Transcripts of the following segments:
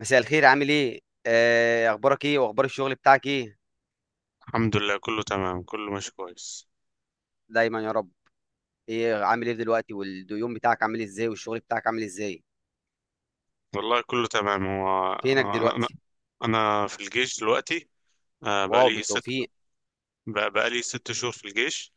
مساء الخير، عامل ايه؟ اخبارك ايه واخبار الشغل بتاعك ايه؟ الحمد لله، كله تمام كله ماشي كويس. دايما يا رب. ايه عامل ايه دلوقتي واليوم بتاعك عامل ازاي والشغل بتاعك عامل ازاي؟ والله كله تمام. هو فينك أنا دلوقتي؟ أنا في الجيش دلوقتي. واو، بقالي ست. بالتوفيق. بقالي 6 شهور في الجيش.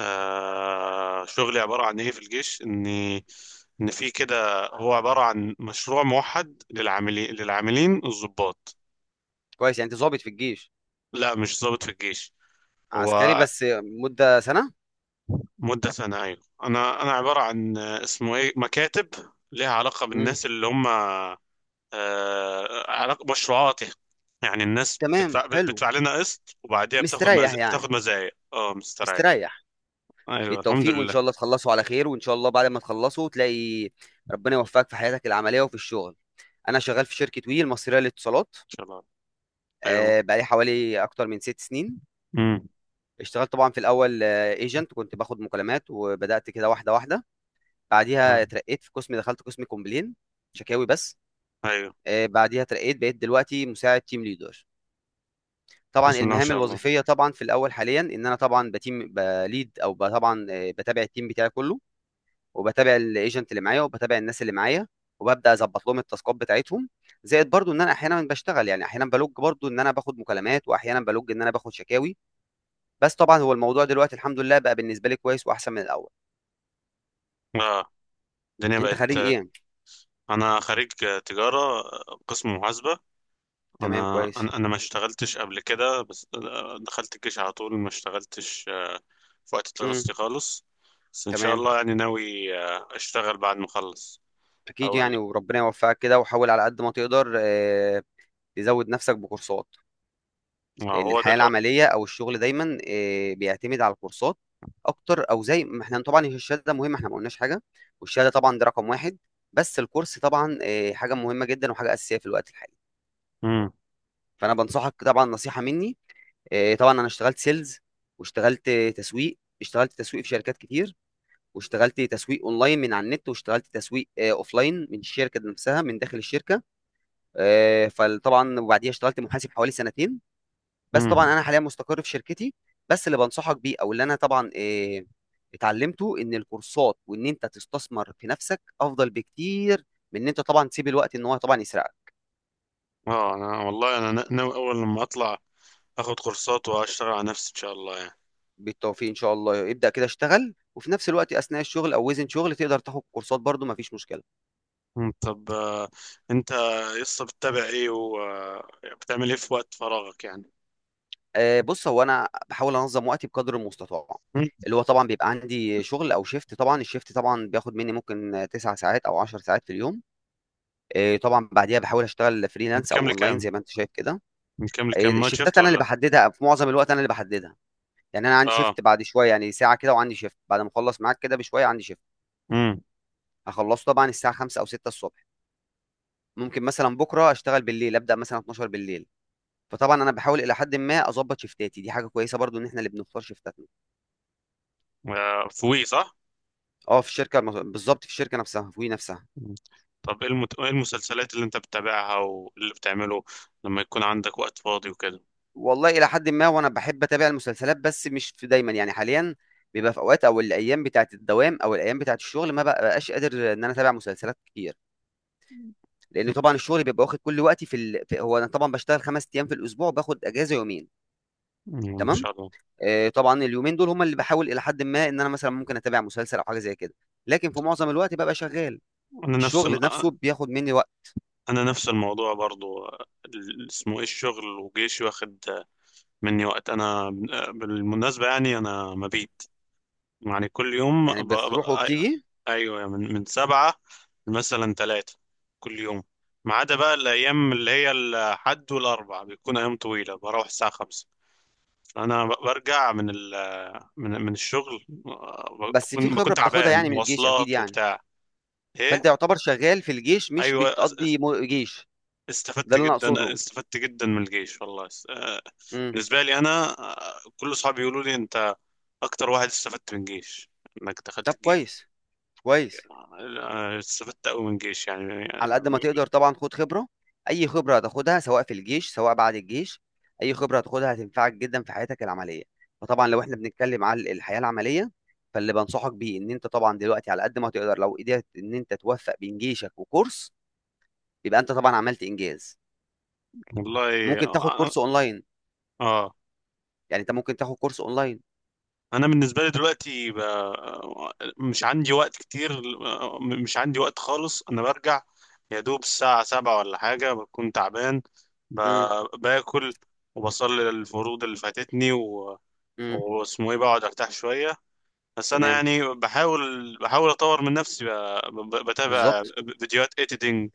شغلي عبارة عن إيه في الجيش، إني إن في كده، هو عبارة عن مشروع موحد للعاملين الضباط. كويس، يعني انت ظابط في الجيش؟ لا، مش ضابط في الجيش. عسكري هو بس؟ مدة سنة. مدة سنة، أيوة. أنا عبارة عن اسمه إيه، مكاتب ليها علاقة مم. بالناس اللي هم. مشروعاتها. يعني الناس تمام، بتدفع حلو. بتدفع لنا قسط وبعديها بتاخد مستريح يعني؟ بتاخد مزايا. اه مستريح. مستريح. ايوه الحمد بالتوفيق وان لله، ان شاء الله تخلصوا على خير، وان شاء الله بعد ما تخلصوا تلاقي ربنا يوفقك في حياتك العملية وفي الشغل. انا شغال في شركة وي المصرية للاتصالات. شاء الله. ايوه. بقالي حوالي اكتر من 6 سنين. امم. اشتغلت طبعا في الاول ايجنت، كنت باخد مكالمات وبدات كده واحده واحده. بعديها اترقيت في قسم، دخلت قسم كومبلين، شكاوي بس. ايوه. بعديها اترقيت، بقيت دلوقتي مساعد تيم ليدر. طبعا بسم الله ما المهام شاء الله. الوظيفيه، طبعا في الاول حاليا ان انا طبعا بتيم بليد طبعا، بتابع التيم بتاعي كله، وبتابع الايجنت اللي معايا، وبتابع الناس اللي معايا، وببدا اظبط لهم التاسكات بتاعتهم. زائد برضو ان انا احيانا بشتغل، يعني احيانا بلوج برضو ان انا باخد مكالمات، واحيانا بلوج ان انا باخد شكاوي. بس طبعا هو الموضوع دلوقتي الحمد لله بقى بالنسبه لي كويس واحسن من الاول. اه الدنيا انت بقت خريج آه، ايه؟ انا خريج تجاره، قسم محاسبه. تمام، انا كويس. انا أنا ما اشتغلتش قبل كده، بس دخلت الجيش على طول، ما اشتغلتش في وقت امم. دراستي خالص. بس ان شاء تمام. الله، يعني ناوي اشتغل بعد ما اخلص. اكيد او يعني، ال- وربنا يوفقك كده، وحاول على قد ما تقدر تزود نفسك بكورسات. آه، لان هو ده الحياه العمليه او الشغل دايما بيعتمد على الكورسات اكتر. او زي ما احنا طبعا، هي الشهاده مهمه، احنا ما قلناش حاجه، والشهاده طبعا ده رقم واحد. بس الكورس طبعا حاجه مهمه جدا وحاجه اساسيه في الوقت الحالي. فانا بنصحك طبعا نصيحه مني. طبعا انا اشتغلت سيلز، واشتغلت تسويق، اشتغلت تسويق في شركات كتير، واشتغلت تسويق اونلاين من على النت، واشتغلت تسويق اوفلاين من الشركه نفسها، من داخل الشركه. فطبعا وبعديها اشتغلت محاسب حوالي سنتين. بس امم. طبعا انا حاليا مستقر في شركتي. بس اللي بنصحك بيه او اللي انا طبعا اتعلمته، ان الكورسات وان انت تستثمر في نفسك افضل بكتير من ان انت طبعا تسيب الوقت ان هو طبعا يسرقك. اه، انا والله انا ناوي اول لما اطلع اخد كورسات واشتغل على نفسي ان شاء الله يعني. بالتوفيق ان شاء الله، ابدا كده اشتغل، وفي نفس الوقت اثناء الشغل او وزن شغل تقدر تاخد كورسات برضو، مفيش مشكله. طب انت لسه بتتابع ايه وبتعمل ايه في وقت فراغك يعني؟ بص، هو انا بحاول انظم وقتي بقدر المستطاع. مم. اللي هو طبعا بيبقى عندي شغل او شيفت، طبعا الشيفت طبعا بياخد مني ممكن 9 ساعات او 10 ساعات في اليوم. طبعا بعديها بحاول اشتغل من فريلانس كام او اونلاين لكام؟ زي ما انت شايف كده. من كام لكام، نايت شيفت الشيفتات انا اللي ولا؟ بحددها في معظم الوقت، انا اللي بحددها. يعني انا عندي اه. شيفت بعد شويه، يعني ساعه كده، وعندي شيفت بعد ما اخلص معاك كده بشويه عندي شيفت امم. هخلصه طبعا الساعه 5 او 6 الصبح. ممكن مثلا بكره اشتغل بالليل، ابدا مثلا 12 بالليل. فطبعا انا بحاول الى حد ما اظبط شيفتاتي، دي حاجه كويسه برضو ان احنا اللي بنختار شيفتاتنا. في وي صح؟ في الشركة بالضبط، في الشركة نفسها، في وي نفسها. مم. طب ايه ايه المسلسلات اللي انت بتتابعها واللي بتعمله لما يكون عندك وقت فاضي وكده؟ والله إلى حدٍ ما، وأنا باحب أتابع المسلسلات، بس مش في دايمًا، يعني حاليًا بيبقى في أوقات، أو الأيام بتاعة الدوام أو الأيام بتاعة الشغل ما بابقاش قادر إن أنا أتابع مسلسلات كتير، لإن طبعًا الشغل بيبقى واخد كل وقتي في هو أنا طبعًا باشتغل 5 أيام في الأسبوع وباخد إجازة يومين. مم، ما تمام؟ شاء الله. طبعًا اليومين دول هم اللي باحاول إلى حدٍ ما إن أنا مثلًا ممكن أتابع مسلسل أو حاجة زي كده، لكن في معظم الوقت بابقى شغال، انا نفس الشغل نفسه بياخد مني وقت، انا نفس الموضوع برضو، اسمه ايه، الشغل وجيشي واخد مني وقت. انا بالمناسبه يعني انا مبيت، يعني كل يوم يعني بتروح وبتيجي. ايوه، من 7 مثلا 3، كل يوم، ما عدا بقى الايام اللي هي الحد والاربع بيكون ايام طويله، بروح الساعه 5. فانا برجع من ال... من من الشغل، بس في بكون خبرة بتاخدها تعبان، يعني من الجيش أكيد مواصلات يعني. وبتاع. فانت ايه. يعتبر شغال في الجيش، مش ايوه. بتقضي جيش. ده استفدت اللي انا جدا اقصده. استفدت جدا من الجيش والله. امم. بالنسبة لي أنا، كل أصحابي يقولوا لي أنت أكتر واحد استفدت من الجيش، إنك دخلت طب الجيش. كويس، كويس. استفدت أوي من الجيش يعني, على قد ما تقدر طبعا خد خبره. اي خبره هتاخدها سواء في الجيش سواء بعد الجيش، اي خبره هتاخدها هتنفعك جدا في حياتك العمليه. فطبعا لو احنا بنتكلم على الحياه العمليه، فاللي بنصحك بيه ان انت طبعا دلوقتي على قد ما تقدر، لو قدرت ان انت توفق بين جيشك وكورس، يبقى انت طبعا عملت انجاز. والله ممكن تاخد آه, كورس اونلاين. آه يعني انت ممكن تاخد كورس اونلاين. أنا بالنسبة لي دلوقتي مش عندي وقت كتير، مش عندي وقت خالص. أنا برجع يا دوب الساعة 7 ولا حاجة، بكون تعبان، امم. باكل وبصلي الفروض اللي فاتتني، امم. واسمه ايه، بقعد ارتاح شويه. بس انا تمام. يعني بحاول اطور من نفسي، بتابع بالظبط. فيديوهات ايديتنج،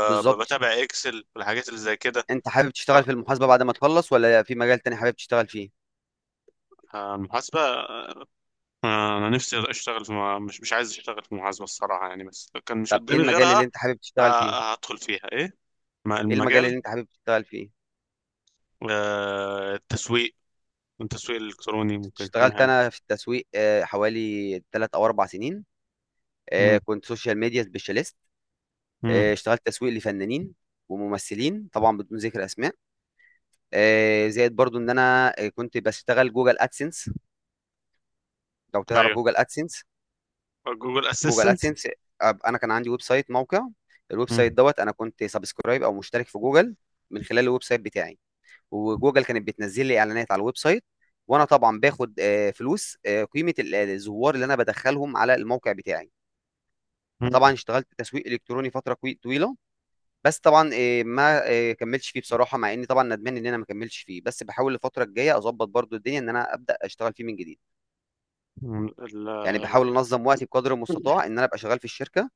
بالظبط، اكسل والحاجات اللي زي كده. انت حابب تشتغل في المحاسبة بعد ما تخلص ولا في مجال تاني حابب تشتغل فيه؟ المحاسبه، انا نفسي اشتغل في مش عايز اشتغل في المحاسبه الصراحه يعني، بس لو كان مش طب ايه قدامي المجال اللي غيرها انت حابب تشتغل فيه؟ هدخل فيها. ايه ايه المجال المجال؟ اللي انت حابب تشتغل فيه؟ التسويق، التسويق الالكتروني ممكن يكون اشتغلت حلو. انا في التسويق حوالي 3 او 4 سنين. مم. كنت سوشيال ميديا سبيشاليست. مم. اشتغلت تسويق لفنانين وممثلين طبعا بدون ذكر اسماء. زائد برضو ان انا كنت بشتغل جوجل ادسنس، لو تعرف ايوه. جوجل ادسنس. جوجل جوجل اسيستنت. ادسنس. انا كان عندي ويب سايت موقع. الويب سايت مم. دوت، انا كنت سبسكرايب او مشترك في جوجل من خلال الويب سايت بتاعي، وجوجل كانت بتنزل لي اعلانات على الويب سايت. وانا طبعا باخد فلوس، قيمه الزوار اللي انا بدخلهم على الموقع بتاعي. فطبعا اشتغلت تسويق الكتروني فتره طويله. بس طبعا ما كملتش فيه بصراحه، مع اني طبعا ندمان ان انا ما كملتش فيه، بس بحاول الفتره الجايه اظبط برضو الدنيا ان انا ابدا اشتغل فيه من جديد. مم. يعني اه. بحاول انظم وقتي بقدر المستطاع ان انا ابقى شغال في الشركه،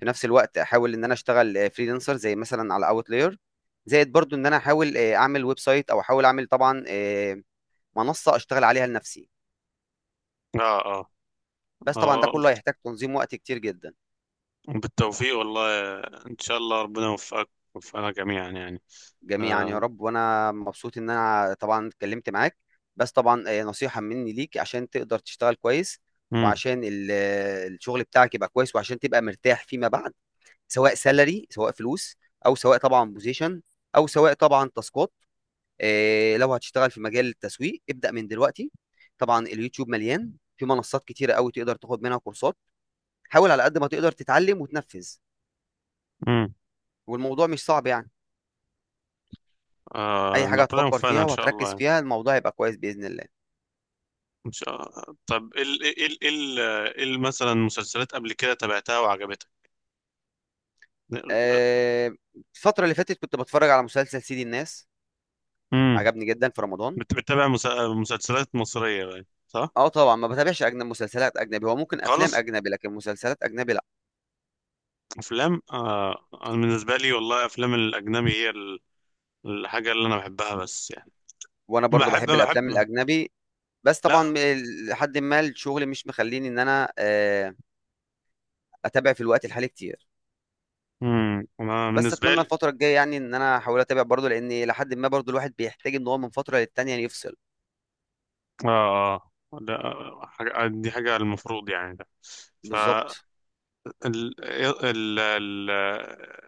في نفس الوقت احاول ان انا اشتغل فريلانسر زي مثلا على اوتلاير. زائد برضو ان انا احاول اعمل ويب سايت او احاول اعمل طبعا منصه اشتغل عليها لنفسي. آه. بس طبعا ده آه كله هيحتاج تنظيم وقت كتير جدا. بالتوفيق والله، إن شاء الله ربنا يوفقك ويوفقنا جميعا يعني. جميعا يا آه. رب، وانا مبسوط ان انا طبعا اتكلمت معاك. بس طبعا نصيحة مني ليك عشان تقدر تشتغل كويس، مم. وعشان الشغل بتاعك يبقى كويس، وعشان تبقى مرتاح فيما بعد، سواء سالري سواء فلوس، او سواء طبعا بوزيشن، او سواء طبعا تاسكات. لو هتشتغل في مجال التسويق ابدأ من دلوقتي. طبعا اليوتيوب مليان، في منصات كتيرة قوي تقدر تاخد منها كورسات. حاول على قد ما تقدر تتعلم وتنفذ، مم. والموضوع مش صعب يعني. آه اي حاجه ربنا هتفكر يوفقنا فيها إن شاء الله وهتركز يعني. فيها الموضوع هيبقى كويس باذن الله. إن شاء الله. طب إيه ال مثلا، مسلسلات قبل كده تابعتها وعجبتك؟ آه، الفتره اللي فاتت كنت بتفرج على مسلسل سيدي الناس، مم. عجبني جدا في رمضان. بت- بتتابع مس- مسلسلات مصرية بقى صح؟ اه، طبعا ما بتابعش اجنبي، مسلسلات اجنبي هو ممكن افلام خالص. اجنبي لكن مسلسلات اجنبي لا. أفلام، آه أنا بالنسبة لي والله أفلام الأجنبي هي الحاجة اللي أنا بحبها بس يعني. وانا برضو بحب بحب الافلام بحب. الاجنبي، بس لا. طبعا لحد ما الشغل مش مخليني ان انا اتابع في الوقت الحالي كتير. امم. انا بس بالنسبه اتمنى لي، الفتره الجايه يعني ان انا احاول اتابع برضو، لان لحد ما برضو الواحد بيحتاج ان هو من فتره للتانيه يفصل. اه آه. ده حاجة، دي حاجة المفروض يعني، ده ف بالظبط. ال... ال... ال...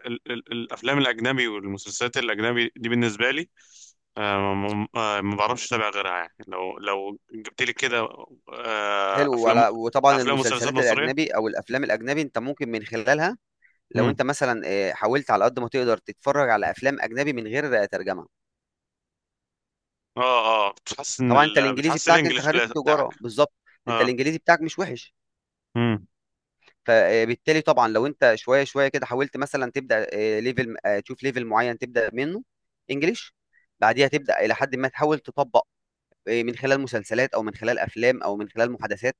الافلام الاجنبي والمسلسلات الاجنبي دي بالنسبة لي، ما بعرفش اتابع غيرها يعني، لو جبت لي كده حلو، افلام، وعلى وطبعا افلام ومسلسلات المسلسلات مصرية. الاجنبي او الافلام الاجنبي انت ممكن من خلالها، لو امم. انت مثلا حاولت على قد ما تقدر تتفرج على افلام اجنبي من غير ترجمه. اه. اه بتحسن طبعا انت الانجليزي بتحسن بتاعك، انت الانجليش خريج تجاره بتاعك. بالظبط، انت اه. الانجليزي بتاعك مش وحش. امم. فبالتالي طبعا لو انت شويه شويه كده حاولت مثلا تبدا ليفل تشوف ليفل معين تبدا منه انجليش. بعديها تبدا الى حد ما تحاول تطبق من خلال مسلسلات او من خلال افلام او من خلال محادثات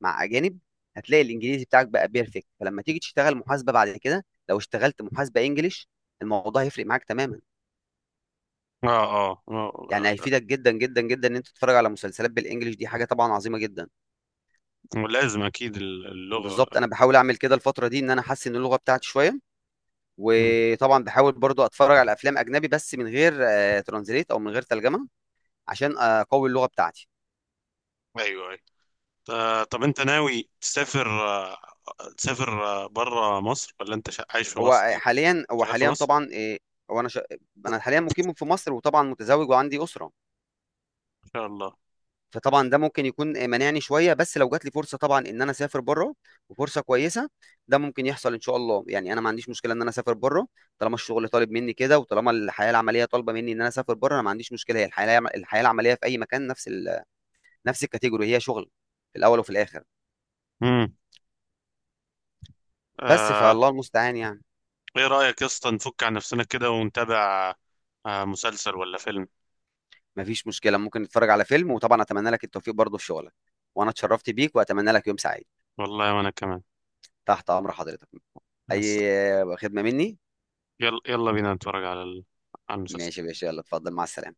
مع اجانب. هتلاقي الانجليزي بتاعك بقى بيرفكت، فلما تيجي تشتغل محاسبه بعد كده لو اشتغلت محاسبه انجليش، الموضوع هيفرق معاك تماما. اه. اه. يعني آه. هيفيدك جدا جدا جدا ان انت تتفرج على مسلسلات بالانجليش، دي حاجه طبعا عظيمه جدا. لازم اكيد اللغة. بالظبط، انا بحاول اعمل كده الفتره دي ان انا احسن اللغه بتاعتي شويه. مم. وطبعا بحاول برضو اتفرج على افلام اجنبي بس من غير ترانزليت او من غير ترجمه، عشان اقوي اللغه بتاعتي. ايوه أيوة. طب انت ناوي تسافر بره مصر، ولا انت عايش في هو مصر، آه، حاليا هو شغال في حاليا مصر؟ طبعا آه، هو انا شا... انا حاليا مقيم في مصر، وطبعا متزوج وعندي اسره. ان شاء الله. فطبعا ده ممكن يكون مانعني شويه، بس لو جات لي فرصه طبعا ان انا اسافر بره، وفرصه كويسه، ده ممكن يحصل ان شاء الله. يعني انا ما عنديش مشكله ان انا اسافر بره، طالما الشغل طالب مني كده، وطالما الحياه العمليه طالبه مني ان انا اسافر بره، انا ما عنديش مشكله. هي الحياه العمليه في اي مكان نفس نفس الكاتيجوري، هي شغل في الاول وفي الاخر. امم. بس آه. فالله المستعان يعني. ايه رايك يا اسطى نفك عن نفسنا كده ونتابع آه مسلسل ولا فيلم؟ ما فيش مشكله، ممكن نتفرج على فيلم، وطبعا اتمنى لك التوفيق برضه في شغلك، وانا اتشرفت بيك واتمنى لك يوم سعيد. والله وانا كمان. تحت امر حضرتك، اي هس- خدمه مني. يلا يلا بينا نتفرج على على المسلسل. ماشي يا باشا، يلا اتفضل مع السلامه.